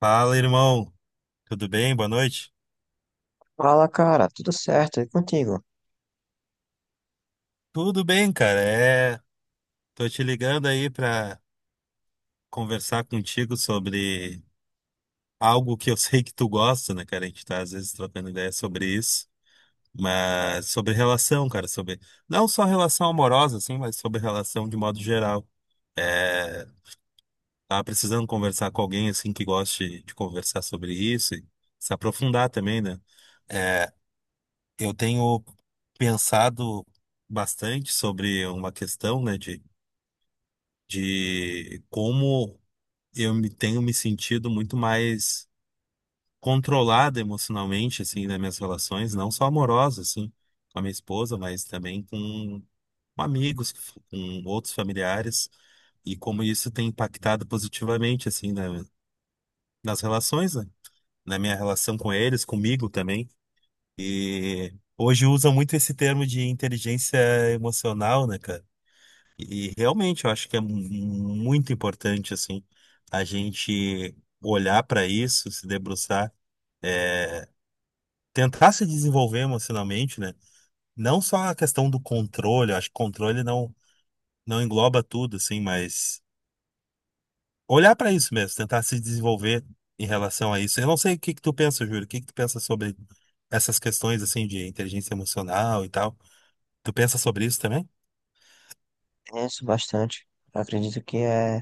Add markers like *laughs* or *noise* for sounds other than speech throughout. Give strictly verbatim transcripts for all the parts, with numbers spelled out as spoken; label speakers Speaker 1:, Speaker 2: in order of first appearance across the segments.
Speaker 1: Fala, irmão. Tudo bem? Boa noite.
Speaker 2: Fala, cara, tudo certo? E contigo?
Speaker 1: Tudo bem, cara. É, tô te ligando aí pra conversar contigo sobre algo que eu *laughs* sei que tu gosta, né, cara? A gente tá às vezes trocando ideia sobre isso, mas sobre relação, cara, sobre não só relação amorosa assim, mas sobre relação de modo geral. É, tava precisando conversar com alguém assim que goste de conversar sobre isso e se aprofundar também, né? É, Eu tenho pensado bastante sobre uma questão, né, de, de como eu me tenho me sentido muito mais controlado emocionalmente, assim, nas minhas relações, não só amorosas, assim, com a minha esposa, mas também com amigos, com outros familiares, e como isso tem impactado positivamente, assim, na- nas relações, né, na minha relação com eles, comigo também. E hoje usam muito esse termo de inteligência emocional, né, cara? E realmente eu acho que é mu- muito importante, assim, a gente olhar para isso, se debruçar, é, tentar se desenvolver emocionalmente, né? Não só a questão do controle, eu acho que controle não, não engloba tudo, assim, mas olhar para isso mesmo, tentar se desenvolver em relação a isso. Eu não sei o que que tu pensa, Júlio, o que que tu pensa sobre essas questões, assim, de inteligência emocional e tal. Tu pensa sobre isso também?
Speaker 2: Penso bastante. Acredito que é,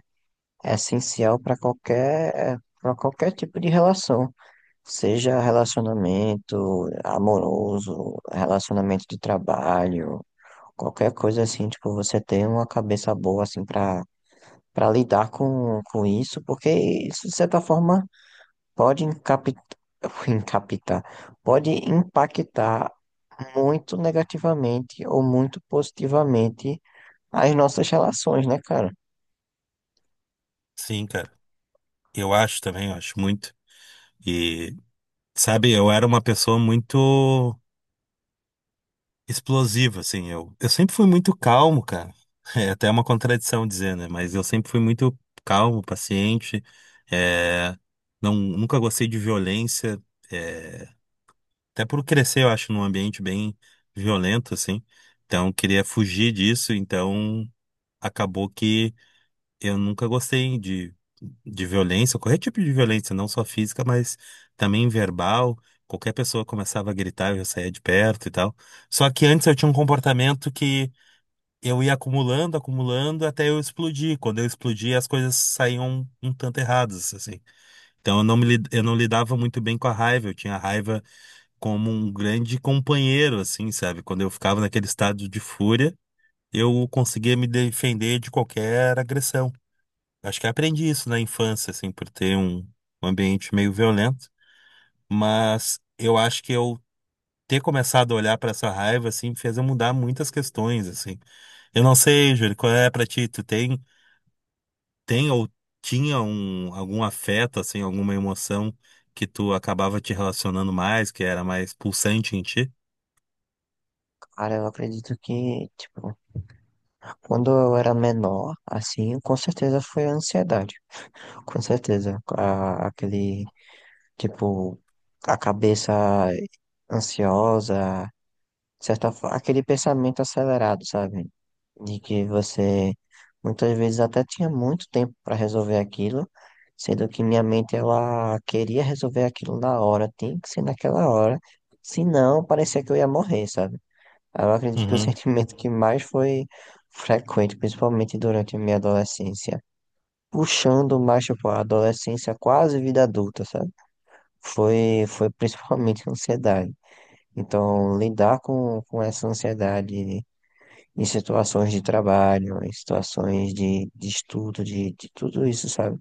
Speaker 2: é essencial para qualquer, para qualquer tipo de relação, seja relacionamento amoroso, relacionamento de trabalho, qualquer coisa assim, tipo, você ter uma cabeça boa assim para para lidar com, com isso, porque isso de certa forma pode encapitar, *laughs* encapitar, pode impactar muito negativamente ou muito positivamente as nossas relações, né, cara?
Speaker 1: Sim, cara. Eu acho também, eu acho muito. E, sabe, eu era uma pessoa muito explosiva, assim. Eu, eu sempre fui muito calmo, cara. *laughs* É até uma contradição dizer, né? Mas eu sempre fui muito calmo, paciente. É, não, nunca gostei de violência. É, até por crescer, eu acho, num ambiente bem violento, assim. Então, eu queria fugir disso. Então, acabou que. Eu nunca gostei de, de violência, qualquer tipo de violência, não só física, mas também verbal. Qualquer pessoa começava a gritar, eu já saía de perto e tal. Só que antes eu tinha um comportamento que eu ia acumulando, acumulando, até eu explodir. Quando eu explodia, as coisas saíam um tanto erradas, assim. Então eu não me, lid- eu não lidava muito bem com a raiva. Eu tinha a raiva como um grande companheiro, assim, sabe? Quando eu ficava naquele estado de fúria, eu conseguia me defender de qualquer agressão. Acho que aprendi isso na infância, assim, por ter um, um ambiente meio violento, mas eu acho que eu ter começado a olhar para essa raiva, assim, fez eu mudar muitas questões, assim. Eu não sei, Júlio, qual é para ti? Tu tem, tem ou tinha um, algum afeto, assim, alguma emoção que tu acabava te relacionando mais, que era mais pulsante em ti?
Speaker 2: Cara, eu acredito que, tipo, quando eu era menor, assim, com certeza foi a ansiedade. Com certeza. A- aquele, tipo, a cabeça ansiosa, de certa forma, aquele pensamento acelerado, sabe? De que você muitas vezes até tinha muito tempo para resolver aquilo, sendo que minha mente ela queria resolver aquilo na hora, tem que ser naquela hora. Senão parecia que eu ia morrer, sabe? Eu acredito que o
Speaker 1: Uhum.
Speaker 2: sentimento que mais foi frequente, principalmente durante a minha adolescência, puxando mais, tipo, a adolescência quase vida adulta, sabe? Foi, foi principalmente *laughs* ansiedade. Então, lidar com, com essa ansiedade em situações de trabalho, em situações de, de estudo, de, de tudo isso, sabe?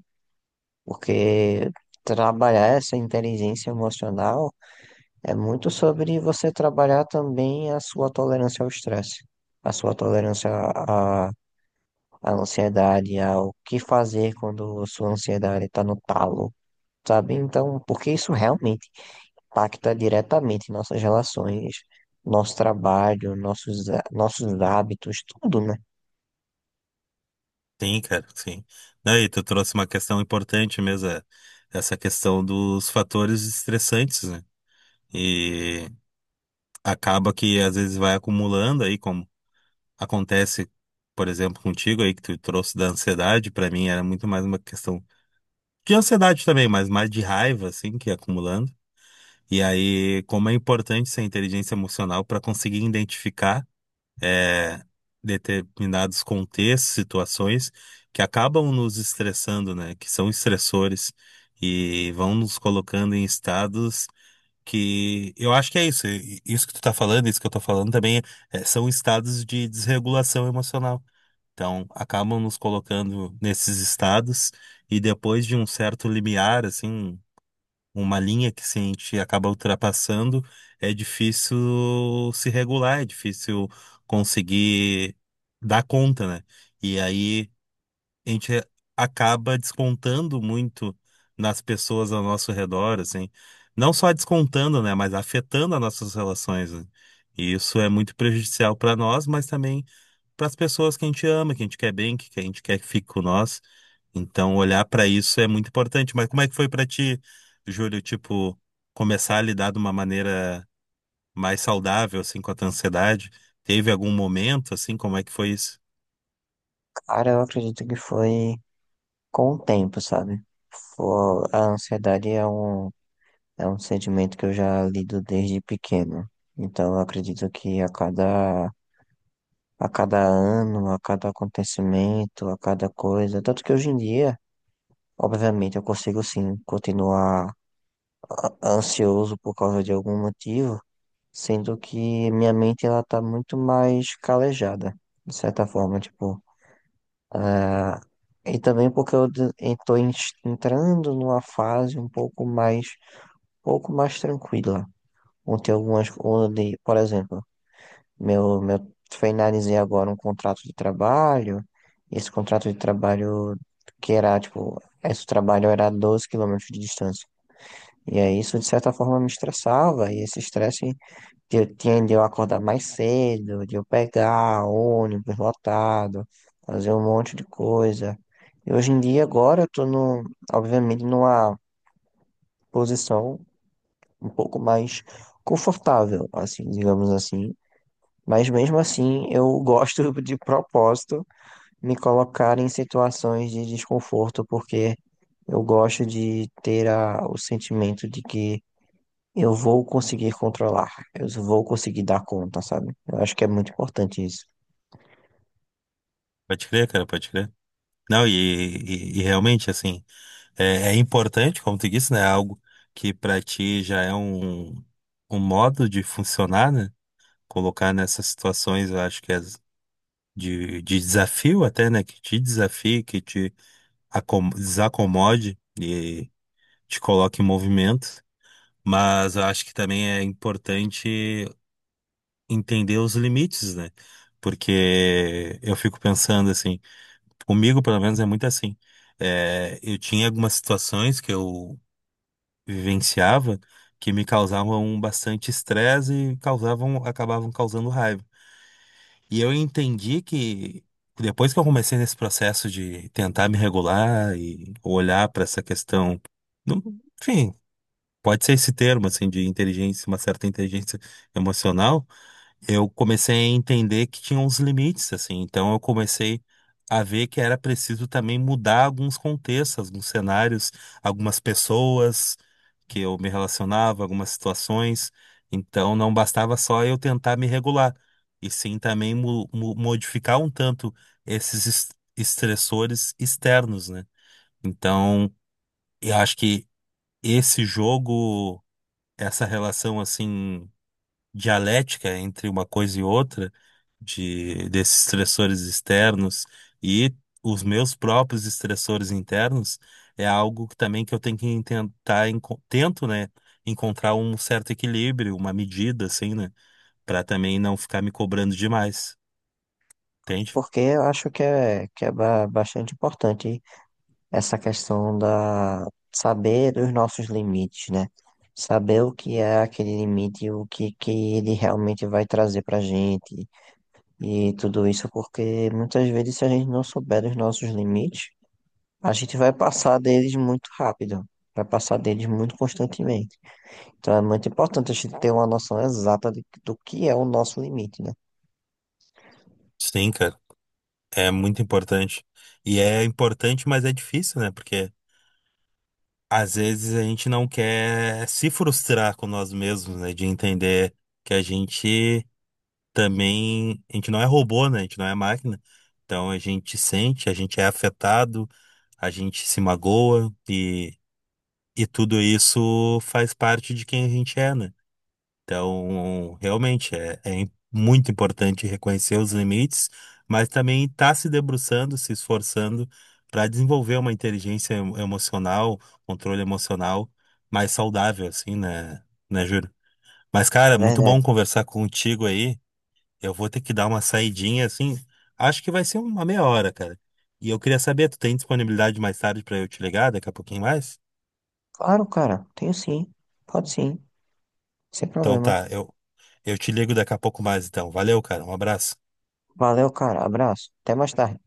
Speaker 2: Porque trabalhar essa inteligência emocional é muito sobre você trabalhar também a sua tolerância ao estresse, a sua tolerância à, à ansiedade, ao que fazer quando sua ansiedade está no talo, sabe? Então, porque isso realmente impacta diretamente nossas relações, nosso trabalho, nossos, há- nossos hábitos, tudo, né?
Speaker 1: Sim, cara, sim. Daí tu trouxe uma questão importante mesmo, é essa questão dos fatores estressantes, né? E acaba que às vezes vai acumulando aí, como acontece, por exemplo, contigo aí que tu trouxe da ansiedade, pra mim era muito mais uma questão de ansiedade também, mas mais de raiva assim que ia acumulando. E aí, como é importante essa inteligência emocional para conseguir identificar eh, determinados contextos, situações que acabam nos estressando, né? Que são estressores e vão nos colocando em estados que eu acho que é isso. e- Isso que tu tá falando, isso que eu tô falando também é, são estados de desregulação emocional. Então, acabam nos colocando nesses estados e depois de um certo limiar, assim, uma linha que se a gente acaba ultrapassando, é difícil se regular, é difícil conseguir dar conta, né? E aí a gente acaba descontando muito nas pessoas ao nosso redor, assim. Não só descontando, né, mas afetando as nossas relações, né? E isso é muito prejudicial para nós, mas também para as pessoas que a gente ama, que a gente quer bem, que que a gente quer que fique com nós. Então, olhar para isso é muito importante. Mas como é que foi para ti, Júlio, tipo, começar a lidar de uma maneira mais saudável, assim, com a tua ansiedade? Teve algum momento, assim, como é que foi isso?
Speaker 2: Cara, eu acredito que foi com o tempo, sabe? Fo- A ansiedade é um É um sentimento que eu já lido desde pequeno. Então, eu acredito que a cada, a cada ano, a cada acontecimento, a cada coisa, tanto que hoje em dia, obviamente, eu consigo sim continuar ansioso por causa de algum motivo, sendo que minha mente ela tá muito mais calejada, de certa forma, tipo, a- e também porque eu de- eu tô ens- entrando numa fase um pouco mais, pouco mais tranquila, onde tem algumas, onde, por exemplo, Meu, meu, finalizei agora um contrato de trabalho. Esse contrato de trabalho que era, tipo, esse trabalho era doze quilômetros de distância. E aí isso, de certa forma, me estressava. E esse estresse de eu tinha de eu acordar mais cedo, de eu pegar ônibus lotado, fazer um monte de coisa. E hoje em dia, agora, eu tô, no, obviamente, numa posição um pouco mais confortável, assim, digamos assim, mas mesmo assim, eu gosto *laughs* de propósito me colocar em situações de desconforto, porque eu gosto de ter a, o sentimento de que eu vou conseguir controlar, eu vou conseguir dar conta, sabe? Eu acho que é muito importante isso.
Speaker 1: Pode crer, cara, pode crer. Não, e, e- e realmente, assim, é, é importante, como tu disse, né? é Algo que para ti já é um, um modo de funcionar, né? Colocar nessas situações, eu acho que é de, de desafio até, né? Que te desafie, que te acom- desacomode e te coloque em movimento. Mas eu acho que também é importante entender os limites, né? Porque eu fico pensando assim. Comigo, pelo menos, é muito assim. É, eu tinha algumas situações que eu vivenciava que me causavam bastante estresse e causavam, acabavam causando raiva. E eu entendi que depois que eu comecei nesse processo de tentar me regular e olhar para essa questão, não- enfim, pode ser esse termo assim de inteligência, uma certa inteligência emocional, eu comecei a entender que tinha uns limites, assim. Então eu comecei a ver que era preciso também mudar alguns contextos, alguns cenários, algumas pessoas que eu me relacionava, algumas situações. Então não bastava só eu tentar me regular, e sim também mo- mo- modificar um tanto esses es- estressores externos, né? Então eu acho que esse jogo, essa relação assim dialética entre uma coisa e outra, de desses estressores externos e os meus próprios estressores internos, é algo que também que eu tenho que tentar, enco- tento, né, encontrar um certo equilíbrio, uma medida, assim, né, para também não ficar me cobrando demais, entende?
Speaker 2: Porque eu acho que é, que é ba- bastante importante essa questão da saber os nossos limites, né? Saber o que é aquele limite, e o que, que ele realmente vai trazer pra gente. E tudo isso porque muitas vezes, se a gente não souber dos nossos limites, a gente vai passar deles muito rápido, vai passar deles muito constantemente. Então é muito importante a gente ter uma noção exata de- do que é o nosso limite, né?
Speaker 1: Sim, cara, é muito importante. E é importante, mas é difícil, né, porque às vezes a gente não quer se frustrar com nós mesmos, né, de entender que a gente também a gente não é robô, né? A gente não é máquina. Então a gente sente, a gente é afetado, a gente se magoa e, e tudo isso faz parte de quem a gente é, né? Então, realmente é, é im- muito importante reconhecer os limites, mas também estar se debruçando, se esforçando para desenvolver uma inteligência em- emocional, controle emocional mais saudável, assim, né, né, Júlio? Mas,
Speaker 2: É
Speaker 1: cara, muito
Speaker 2: verdade.
Speaker 1: bom conversar contigo aí. Eu vou ter que dar uma saidinha assim. Acho que vai ser uma meia hora, cara. E eu queria saber, tu tem disponibilidade mais tarde pra eu te ligar daqui a pouquinho mais?
Speaker 2: Claro, cara, tenho sim, pode sim, sem
Speaker 1: Então
Speaker 2: problema.
Speaker 1: tá, eu, eu te ligo daqui a pouco mais então. Valeu, cara. Um abraço.
Speaker 2: Valeu, cara, abraço, até mais tarde.